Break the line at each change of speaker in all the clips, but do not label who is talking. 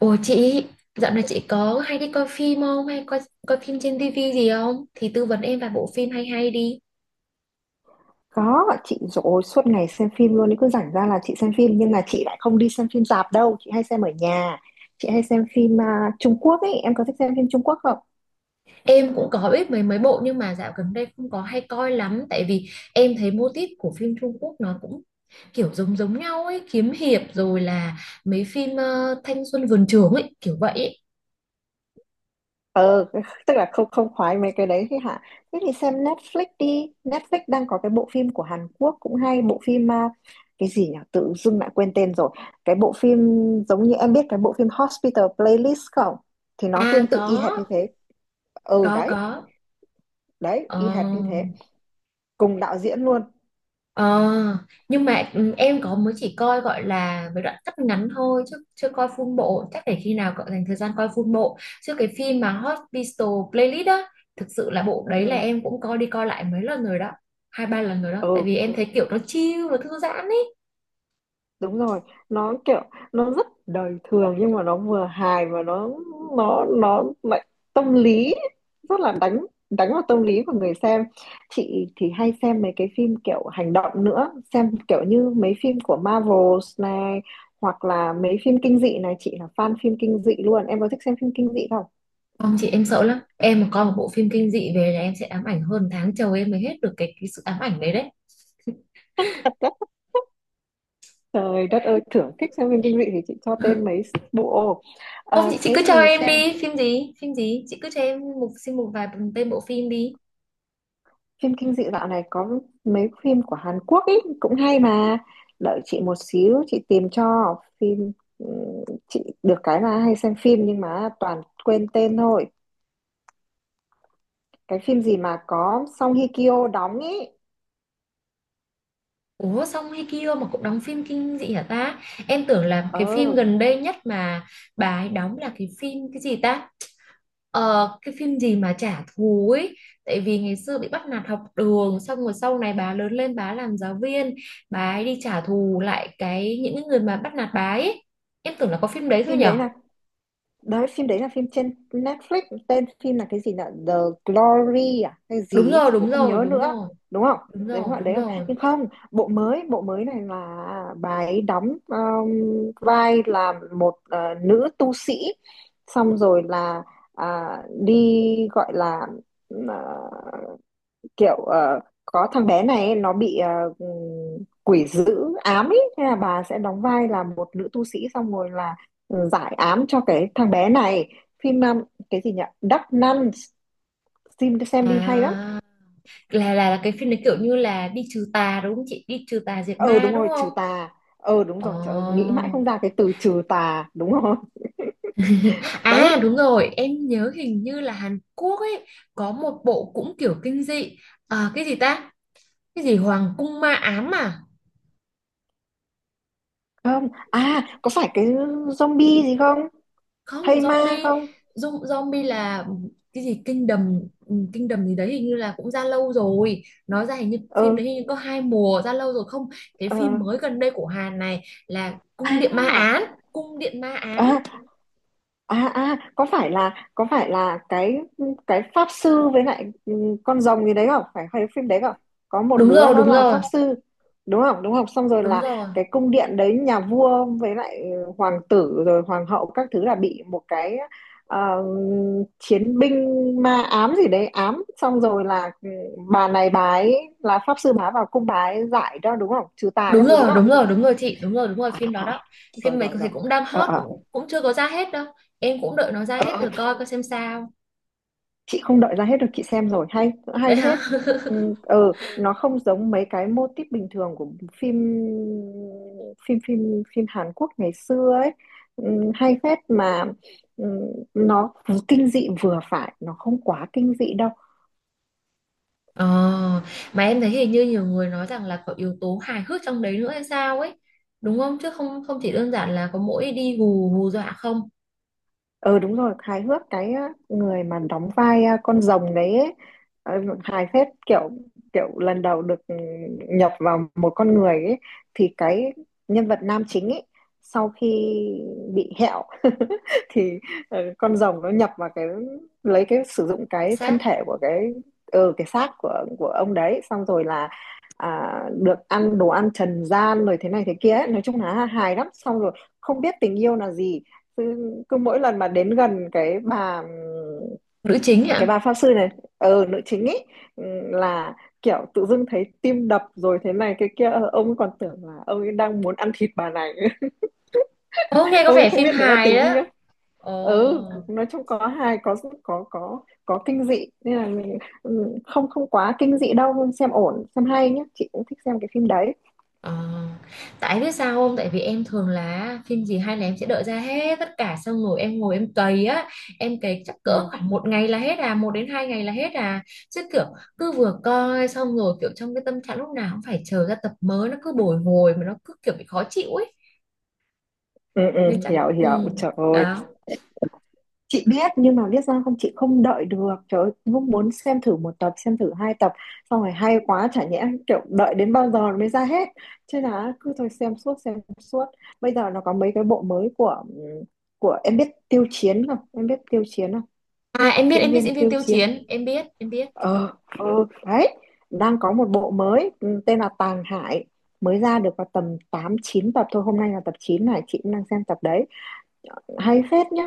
Ủa chị, dạo này chị có hay đi coi phim không? Hay coi coi phim trên tivi gì không? Thì tư vấn em vài bộ phim hay hay đi.
Có, chị rồi suốt ngày xem phim luôn, cứ rảnh ra là chị xem phim nhưng mà chị lại không đi xem phim rạp đâu, chị hay xem ở nhà. Chị hay xem phim à, Trung Quốc ấy, em có thích xem phim Trung Quốc không?
Em cũng có biết mấy mấy bộ nhưng mà dạo gần đây không có hay coi lắm tại vì em thấy mô típ của phim Trung Quốc nó cũng kiểu giống giống nhau ấy, kiếm hiệp rồi là mấy phim thanh xuân vườn trường ấy, kiểu vậy ấy.
Ờ, tức là không không khoái mấy cái đấy thì hả? Thế thì xem Netflix đi, Netflix đang có cái bộ phim của Hàn Quốc cũng hay, bộ phim à, cái gì nhỉ? Tự dưng lại quên tên rồi. Cái bộ phim giống như em biết cái bộ phim Hospital Playlist không? Thì nó
À
tương tự
có,
y hệt như thế. Ừ
có
đấy,
có.
đấy,
Ờ.
y hệt như thế, cùng đạo diễn luôn.
Ờ, nhưng mà em có mới chỉ coi gọi là với đoạn cắt ngắn thôi chứ chưa coi full bộ, chắc để khi nào cậu dành thời gian coi full bộ chứ cái phim mà Hospital Playlist á, thực sự là bộ đấy là
Ừ.
em cũng coi đi coi lại mấy lần rồi đó, hai ba lần rồi đó,
Ừ
tại
ừ.
vì em thấy kiểu nó chill nó thư giãn ấy.
Đúng rồi, nó kiểu nó rất đời thường nhưng mà nó vừa hài và nó lại tâm lý, rất là đánh đánh vào tâm lý của người xem. Chị thì hay xem mấy cái phim kiểu hành động nữa, xem kiểu như mấy phim của Marvels này, hoặc là mấy phim kinh dị này. Chị là fan phim kinh dị luôn, em có thích xem phim kinh dị không?
Không chị, em sợ lắm, em mà coi một bộ phim kinh dị về là em sẽ ám ảnh hơn tháng trời em mới hết được cái sự ám ảnh đấy đấy.
Trời đất ơi, thưởng thích xem phim kinh dị thì chị cho tên mấy bộ.
Không chị, chị cứ
Thế
cho
thì
em
xem
đi, phim gì chị cứ cho em xin một vài tên bộ phim đi.
phim kinh dị dạo này có mấy phim của Hàn Quốc ý, cũng hay mà. Đợi chị một xíu chị tìm cho phim. ừ, chị được cái là hay xem phim nhưng mà toàn quên tên thôi. Cái phim gì mà có Song Hye Kyo đóng ý?
Ủa xong hay kia mà cũng đóng phim kinh dị hả ta? Em tưởng là cái phim
ờ
gần đây nhất mà bà ấy đóng là cái phim cái gì ta? Ờ, cái phim gì mà trả thù ấy. Tại vì ngày xưa bị bắt nạt học đường xong rồi sau này bà lớn lên bà làm giáo viên. Bà ấy đi trả thù lại cái những cái người mà bắt nạt bà ấy. Em tưởng là có phim đấy thôi
Phim
nhở?
đấy là. Đấy, phim đấy là phim trên Netflix, tên phim là cái gì nhở? The Glory à hay
Đúng
gì ấy,
rồi,
chị cũng
đúng
không
rồi,
nhớ
đúng
nữa,
rồi,
đúng không?
đúng
Đúng
rồi,
gọi
đúng
đấy không?
rồi.
Nhưng không, bộ mới này là bà ấy đóng vai là một nữ tu sĩ, xong rồi là à, đi gọi là, ờ, kiểu có thằng bé này nó bị ừ, quỷ dữ ám ấy, thế là bà sẽ đóng vai là một nữ tu sĩ xong rồi là giải ám cho cái thằng bé này. Phim cái gì nhỉ? Dark Nun. Xem đi hay lắm.
À, là cái phim đấy kiểu như là đi trừ tà đúng không chị? Đi trừ tà diệt
Ờ
ma
Đúng
đúng
rồi
không?
trừ tà. Đúng
Ờ.
rồi trời ơi, nghĩ mãi không ra cái từ trừ tà, đúng rồi. Đấy
À đúng rồi, em nhớ hình như là Hàn Quốc ấy có một bộ cũng kiểu kinh dị. À, cái gì ta? Cái gì Hoàng cung ma ám à?
không. À có phải cái zombie gì không,
Không,
thây ma
zombie.
không?
Zombie là cái gì kinh đầm, kinh đầm gì đấy hình như là cũng ra lâu rồi. Nó ra hình như
ờ
phim đấy hình như có hai mùa ra lâu rồi không? Cái
ờ
phim mới gần đây của Hàn này là Cung điện ma
À,
ám, Cung điện ma ám.
à à. À có phải là cái pháp sư với lại con rồng gì đấy không? Phải phải phim đấy không? Có một
Đúng
đứa
rồi,
nó
đúng
là
rồi,
pháp sư đúng không? Đúng không, xong rồi
đúng
là
rồi.
cái cung điện đấy nhà vua với lại hoàng tử rồi hoàng hậu các thứ là bị một cái ờ, chiến binh ma ám gì đấy ám, xong rồi là bà này bà ấy là pháp sư bà vào cung bà ấy giải cho, đúng không, trừ tà
Đúng
các thứ đúng
rồi,
không?
đúng rồi, đúng rồi chị, đúng rồi, đúng rồi,
À,
phim đó
à.
đó.
Rồi
Phim này
rồi
thì
rồi.
cũng đang hot,
ờ
cũng cũng chưa có ra hết đâu, em cũng đợi nó ra hết rồi
ờ
coi coi xem sao.
chị không đợi ra hết được, chị xem rồi hay hay
Đấy
lắm.
hả.
Hết. ừ, nó không giống mấy cái mô típ bình thường của phim phim phim phim Hàn Quốc ngày xưa ấy. Hay phết mà. ừ, nó kinh dị vừa phải, nó không quá kinh dị đâu.
Ờ, mà em thấy hình như nhiều người nói rằng là có yếu tố hài hước trong đấy nữa hay sao ấy, đúng không? Chứ không không chỉ đơn giản là có mỗi đi hù hù dọa không.
Ờ Đúng rồi, hài hước cái á, người mà đóng vai à, con rồng đấy ấy, ờ, hài phết, kiểu kiểu lần đầu được nhập vào một con người ấy, thì cái nhân vật nam chính ấy sau khi bị hẹo thì con rồng nó nhập vào cái, lấy cái sử dụng cái thân
Xác.
thể của cái cái xác của ông đấy, xong rồi là à, được ăn đồ ăn trần gian rồi thế này thế kia ấy. Nói chung là hài lắm, xong rồi không biết tình yêu là gì, cứ mỗi lần mà đến gần cái bà,
Nữ chính
cái
hả?
bà pháp sư này, nữ chính ấy, là kiểu tự dưng thấy tim đập rồi thế này cái kia. Ờ, ông ấy còn tưởng là ông ấy đang muốn ăn thịt bà này.
Ô nghe có
Ông ấy
vẻ
không
phim
biết đấy là
hài
tình
đó.
yêu.
Ồ.
Ừ nói chung có hài, có có kinh dị nên là mình không không quá kinh dị đâu, xem ổn, xem hay nhé, chị cũng thích xem cái phim đấy.
Ờ, tại biết sao không? Tại vì em thường là phim gì hay là em sẽ đợi ra hết tất cả xong rồi em ngồi em cày á, em cày chắc cỡ
Ừ
khoảng một ngày là hết à, một đến hai ngày là hết à, chứ kiểu cứ vừa coi xong rồi kiểu trong cái tâm trạng lúc nào cũng phải chờ ra tập mới, nó cứ bồi hồi mà nó cứ kiểu bị khó chịu ấy,
ừ ừ.
nên chắc
Hiểu hiểu trời ơi.
đó.
Chị biết nhưng mà biết sao không, chị không đợi được trời ơi, cũng muốn xem thử một tập xem thử hai tập, xong rồi hay quá chả nhẽ kiểu đợi đến bao giờ nó mới ra hết. Chứ là cứ thôi xem suốt xem suốt. Bây giờ nó có mấy cái bộ mới của em biết Tiêu Chiến không? Em biết Tiêu Chiến không?
À
Diễn
em biết diễn
viên
viên
Tiêu
Tiêu
Chiến.
Chiến, em biết em biết.
ờ ờ Đấy, đang có một bộ mới tên là Tàng Hải, mới ra được vào tầm 8 9 tập thôi, hôm nay là tập 9 này, chị cũng đang xem tập đấy, hay phết nhá.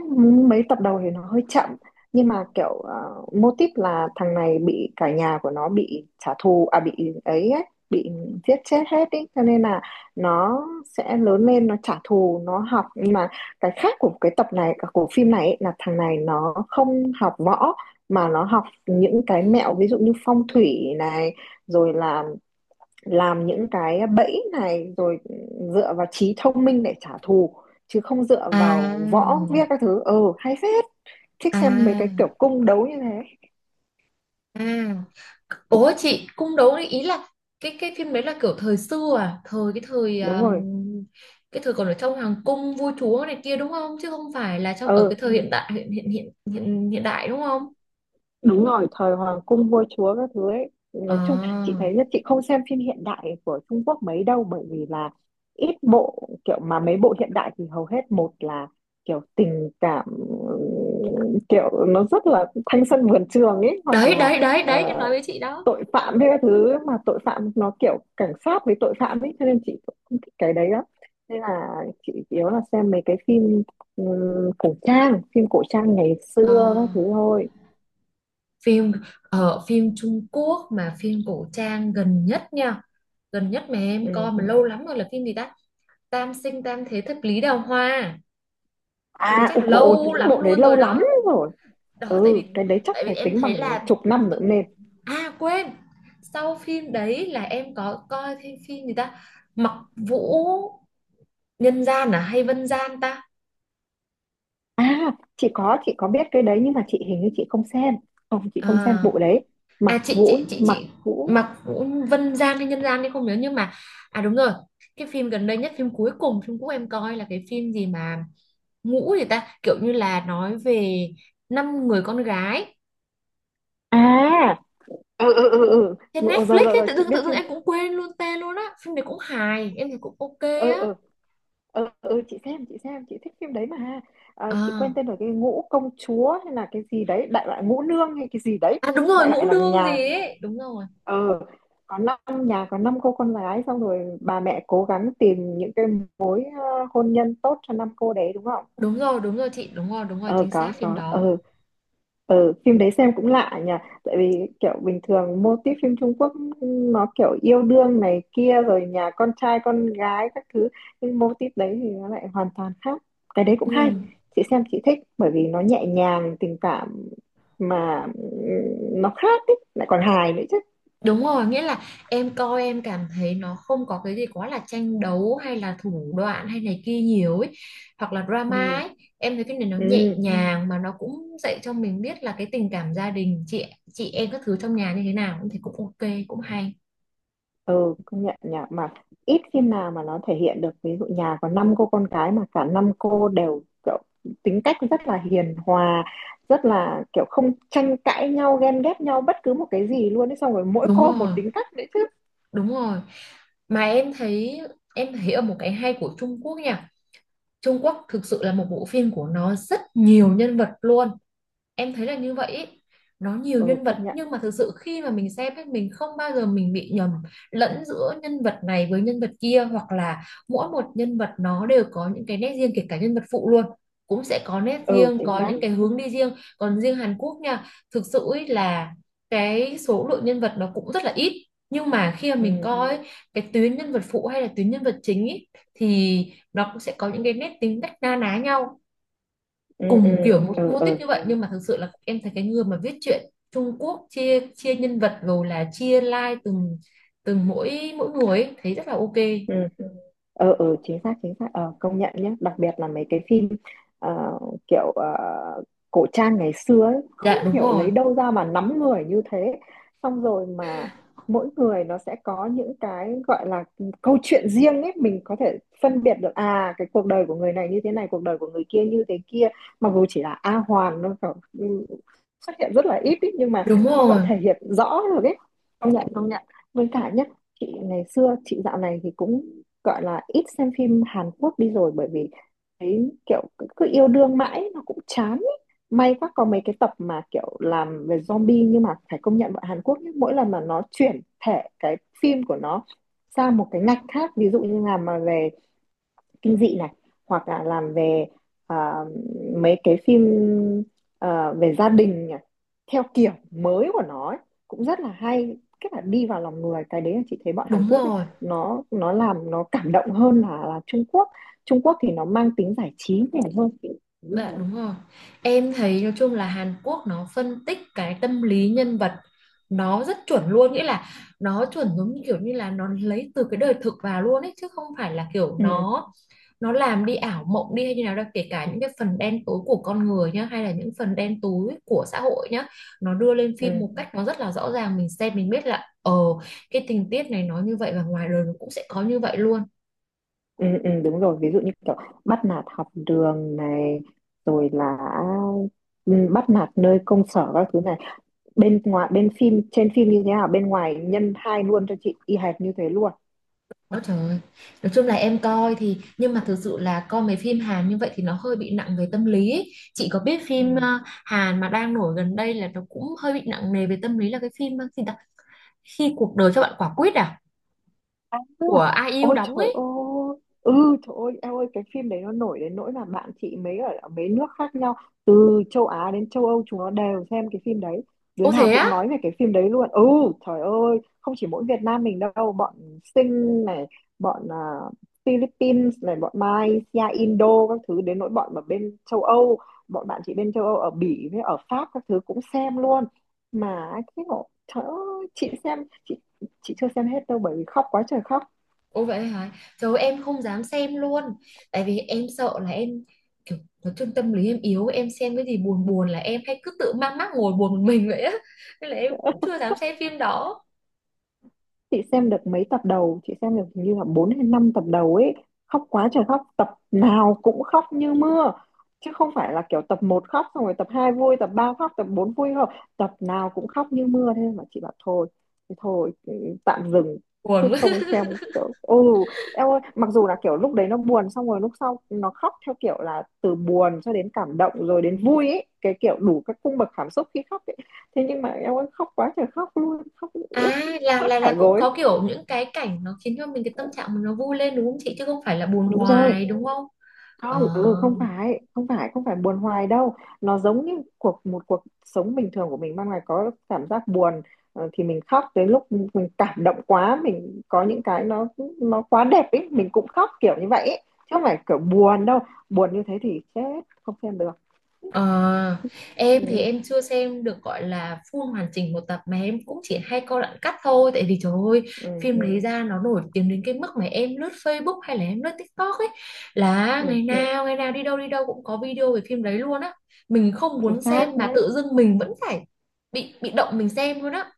Mấy tập đầu thì nó hơi chậm, nhưng mà kiểu mô típ là thằng này bị cả nhà của nó bị trả thù, à bị ấy, ấy bị giết chết hết ý, cho nên là nó sẽ lớn lên nó trả thù nó học. Nhưng mà cái khác của cái tập này của phim này ấy, là thằng này nó không học võ mà nó học những cái mẹo, ví dụ như phong thủy này rồi là làm những cái bẫy này rồi dựa vào trí thông minh để trả thù, chứ không dựa
À,
vào võ viết các thứ. Ừ hay phết, thích xem mấy cái
à.
kiểu cung đấu như thế.
À, ủa chị cung đấu đấy ý là cái phim đấy là kiểu thời xưa à, thời cái thời
Đúng rồi.
cái thời còn ở trong hoàng cung vua chúa này kia đúng không? Chứ không phải là trong ở cái
Ừ
thời hiện đại hiện hiện hiện hiện, hiện đại đúng không?
đúng rồi thời hoàng cung vua chúa các thứ ấy nói chung, chị
À,
thấy nhất chị không xem phim hiện đại của Trung Quốc mấy đâu, bởi vì là ít bộ kiểu mà mấy bộ hiện đại thì hầu hết một là kiểu tình cảm kiểu nó rất là thanh xuân vườn trường ấy, hoặc
đấy
là
đấy
ờ,
em nói với chị đó.
tội phạm hay các thứ, mà tội phạm nó kiểu cảnh sát với tội phạm ấy, cho nên chị cũng không thích cái đấy lắm, nên là chị chủ yếu là xem mấy cái phim cổ trang, phim cổ trang ngày
À,
xưa các thứ thôi.
phim ở phim Trung Quốc mà phim cổ trang gần nhất nha, gần nhất mà em
Ừ.
coi mà lâu lắm rồi là phim gì ta? Tam sinh tam thế thập lý đào hoa. Phim đấy
À
chắc. À,
ôi,
ừ, ừ,
dồi ôi,
lâu
cái
ừ lắm
bộ đấy
luôn
lâu
rồi
lắm
đó.
rồi.
Đó tại
Ừ
vì,
cái đấy chắc
tại vì
phải
em
tính
thấy
bằng
là,
chục năm nữa nên
à quên, sau phim đấy là em có coi thêm phim gì ta. Mặc Vũ Nhân Gian à hay Vân Gian ta?
à. Chị có biết cái đấy nhưng mà chị hình như chị không xem. Không, chị không xem
À,
bộ đấy. Mặc
à chị
Vũ
chị chị
Mặc
chị
Vũ
Mặc Vũ Vân Gian hay Nhân Gian thì không nhớ, nhưng mà à đúng rồi, cái phim gần đây nhất phim cuối cùng phim cũ em coi là cái phim gì mà ngũ gì ta, kiểu như là nói về năm người con gái
à. Ừ ừ ừ ừ.
trên
Ừ, rồi
Netflix
rồi
ấy.
rồi
Tự
chị
dưng
biết phim.
em cũng quên luôn tên luôn á, phim này cũng hài em thấy cũng ok
Ừ
á.
ừ. Ừ, ừ chị xem chị thích phim đấy mà. À, chị
À,
quên tên rồi, cái ngũ công chúa hay là cái gì đấy, đại loại ngũ nương hay cái gì đấy,
À đúng rồi,
đại loại
Ngũ
là
Nương gì
nhà
ấy. Đúng rồi.
ờ có năm, nhà có 5 cô con gái, xong rồi bà mẹ cố gắng tìm những cái mối hôn nhân tốt cho năm cô đấy đúng không?
Đúng rồi, đúng rồi chị, đúng rồi,
Ờ
chính
có
xác phim
có.
đó.
Ờ Phim đấy xem cũng lạ nhỉ, tại vì kiểu bình thường mô típ phim Trung Quốc nó kiểu yêu đương này kia rồi nhà con trai con gái các thứ, nhưng mô típ đấy thì nó lại hoàn toàn khác, cái đấy cũng
Ừ.
hay. Chị xem chị thích bởi vì nó nhẹ nhàng tình cảm mà nó khác ấy, lại còn hài nữa chứ.
Đúng rồi, nghĩa là em coi em cảm thấy nó không có cái gì quá là tranh đấu hay là thủ đoạn hay này kia nhiều ấy, hoặc là
Ừ.
drama ấy. Em thấy cái này nó nhẹ.
Ừ.
Ừ. Nhàng mà nó cũng dạy cho mình biết là cái tình cảm gia đình chị em các thứ trong nhà như thế nào, cũng thấy cũng ok, cũng hay.
Ừ công nhận nhỉ, mà ít phim nào mà nó thể hiện được, ví dụ nhà có 5 cô con gái mà cả năm cô đều kiểu tính cách rất là hiền hòa, rất là kiểu không tranh cãi nhau, ghen ghét nhau bất cứ một cái gì luôn ấy, xong rồi mỗi
Đúng
cô một
rồi,
tính cách đấy chứ.
đúng rồi. Mà em thấy, ở một cái hay của Trung Quốc nha, Trung Quốc thực sự là một bộ phim của nó rất nhiều nhân vật luôn, em thấy là như vậy ý. Nó nhiều
Ừ
nhân
công
vật
nhận.
nhưng mà thực sự khi mà mình xem ấy, mình không bao giờ mình bị nhầm lẫn giữa nhân vật này với nhân vật kia, hoặc là mỗi một nhân vật nó đều có những cái nét riêng, kể cả nhân vật phụ luôn cũng sẽ có nét
Ừ
riêng,
chính
có. Ừ.
xác.
Những cái hướng đi riêng. Còn riêng Hàn Quốc nha, thực sự ý là cái số lượng nhân vật nó cũng rất là ít, nhưng mà khi mà mình
Ừ
coi ấy, cái tuyến nhân vật phụ hay là tuyến nhân vật chính ý, thì nó cũng sẽ có những cái nét tính cách na ná nhau,
ừ ừ
cùng kiểu một
ừ
mô típ
ừ.
như vậy. Nhưng mà thực sự là em thấy cái người mà viết truyện Trung Quốc chia chia nhân vật rồi là chia line từng từng mỗi mỗi người ấy, thấy rất là ok.
Ừ. Chính xác, chính xác, ờ công nhận nhé, đặc biệt là mấy cái phim ờ, kiểu cổ trang ngày xưa ấy, không
Dạ đúng
hiểu lấy
rồi,
đâu ra mà nắm người như thế, xong rồi mà mỗi người nó sẽ có những cái gọi là câu chuyện riêng ấy, mình có thể phân biệt được à cái cuộc đời của người này như thế này, cuộc đời của người kia như thế kia, mặc dù chỉ là A Hoàn nó kiểu, ừ, xuất hiện rất là ít ý, nhưng mà
đúng
nó vẫn
rồi,
thể hiện rõ được ấy. Công nhận công nhận. Với cả nhé, chị ngày xưa chị dạo này thì cũng gọi là ít xem phim Hàn Quốc đi rồi, bởi vì thấy kiểu cứ yêu đương mãi nó cũng chán ý. May quá có mấy cái tập mà kiểu làm về zombie, nhưng mà phải công nhận bọn Hàn Quốc nhá, mỗi lần mà nó chuyển thể cái phim của nó sang một cái ngạch khác, ví dụ như là mà về kinh dị này, hoặc là làm về à, mấy cái phim, về gia đình nhỉ? Theo kiểu mới của nó ấy, cũng rất là hay, cái là đi vào lòng người. Cái đấy là chị thấy bọn Hàn
đúng
Quốc ấy,
rồi.
nó làm nó cảm động hơn là Trung Quốc. Trung Quốc thì nó mang tính giải trí nhiều hơn. Đúng
Dạ
rồi.
đúng rồi. Em thấy nói chung là Hàn Quốc nó phân tích cái tâm lý nhân vật nó rất chuẩn luôn, nghĩa là nó chuẩn giống như kiểu như là nó lấy từ cái đời thực vào luôn ấy, chứ không phải là kiểu
Ừ,
nó làm đi ảo mộng đi hay như nào đâu, kể cả những cái phần đen tối của con người nhá hay là những phần đen tối của xã hội nhá, nó đưa lên phim
ừ,
một cách nó rất là rõ ràng, mình xem mình biết là cái tình tiết này nó như vậy và ngoài đời nó cũng sẽ có như vậy luôn.
ừ, ừ, đúng rồi, ví dụ như kiểu bắt nạt học đường này, rồi là, ừ, bắt nạt nơi công sở các thứ này, bên ngoài bên phim trên phim như thế nào bên ngoài nhân hai luôn cho chị y hệt như thế luôn.
Ôi trời. Nói chung là em coi thì nhưng mà thực sự là coi mấy phim Hàn như vậy thì nó hơi bị nặng về tâm lý ấy. Chị có biết phim
Ừ.
Hàn mà đang nổi gần đây là nó cũng hơi bị nặng nề về tâm lý là cái phim gì đó, Khi cuộc đời cho bạn quả quýt à,
À,
của Ai yêu
ôi
đóng
trời
ấy.
ơi, ừ, trời ơi em ơi, cái phim đấy nó nổi đến nỗi là bạn chị mấy ở mấy nước khác nhau, từ châu Á đến châu Âu, chúng nó đều xem cái phim đấy, đứa
Ô
nào
thế
cũng
á.
nói về cái phim đấy luôn. Ừ, trời ơi, không chỉ mỗi Việt Nam mình đâu, bọn Sing này, bọn Philippines này, bọn Malaysia, Indo các thứ, đến nỗi bọn ở bên châu Âu, bọn bạn chị bên châu Âu ở Bỉ với ở Pháp các thứ cũng xem luôn. Mà cái ngộ, trời ơi chị xem, chị chị chưa xem hết đâu bởi vì khóc quá trời khóc.
Ô vậy hả. Trời ơi, em không dám xem luôn. Tại vì em sợ là em kiểu, nói chung tâm lý em yếu, em xem cái gì buồn buồn là em hay cứ tự mang mác ngồi buồn một mình vậy á. Nên là em cũng chưa dám xem phim đó.
Chị xem được mấy tập đầu, chị xem được hình như là 4 hay 5 tập đầu ấy, khóc quá trời khóc, tập nào cũng khóc như mưa. Chứ không phải là kiểu tập một khóc xong rồi tập 2 vui, tập 3 khóc, tập 4 vui, không, tập nào cũng khóc như mưa. Thế mà chị bảo thôi thì thôi, ừ, tạm dừng chứ
Buồn.
không xem. Kiểu, ô em ơi, mặc dù là kiểu lúc đấy nó buồn xong rồi lúc sau nó khóc theo kiểu là từ buồn cho đến cảm động rồi đến vui ấy, cái kiểu đủ các cung bậc cảm xúc khi khóc ấy. Thế nhưng mà em ơi, khóc quá trời khóc luôn, khóc ướt
À
hết
là
cả
cũng
gối.
có kiểu những cái cảnh nó khiến cho mình cái tâm trạng mình nó vui lên đúng không chị, chứ không phải là buồn
Đúng rồi.
hoài đúng không? Ờ.
Không, ừ, không phải không phải không phải buồn hoài đâu, nó giống như cuộc một cuộc sống bình thường của mình, ban ngày có cảm giác buồn, ờ, thì mình khóc. Đến lúc mình cảm động quá, mình có những cái nó quá đẹp ấy, mình cũng khóc kiểu như vậy ấy. Chứ không phải kiểu buồn đâu, buồn như thế thì chết không xem được.
Ờ, em thì
Ừ,
em chưa xem được gọi là full hoàn chỉnh một tập mà em cũng chỉ hay coi đoạn cắt thôi tại vì trời ơi,
ừ,
phim đấy ra nó nổi tiếng đến cái mức mà em lướt Facebook hay là em lướt TikTok ấy, là
ừ,
ngày nào đi đâu cũng có video về phim đấy luôn á. Mình không
chính
muốn
xác.
xem mà tự dưng mình vẫn phải bị động mình xem luôn á.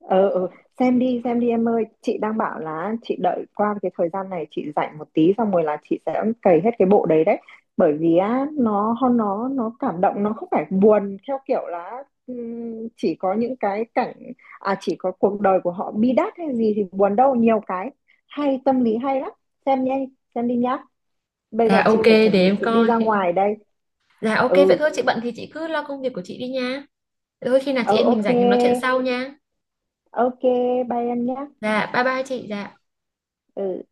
Ờ, ừ. Xem đi xem đi em ơi, chị đang bảo là chị đợi qua cái thời gian này chị rảnh một tí xong rồi là chị sẽ cày hết cái bộ đấy đấy. Bởi vì á nó cảm động, nó không phải buồn theo kiểu là chỉ có những cái cảnh, à chỉ có cuộc đời của họ bi đát hay gì thì buồn đâu, nhiều cái hay, tâm lý hay lắm. Xem nhé, xem đi nhá. Bây
À
giờ
ok
chị phải
để
chuẩn bị
em
chị đi
coi.
ra ngoài đây.
Dạ ok vậy
Ừ.
thôi chị bận thì chị cứ lo công việc của chị đi nha. Thôi khi nào
Ừ,
chị em mình
ok.
rảnh thì nói chuyện sau nha.
Ok, bye em nhá.
Dạ bye bye chị. Dạ.
Ừ.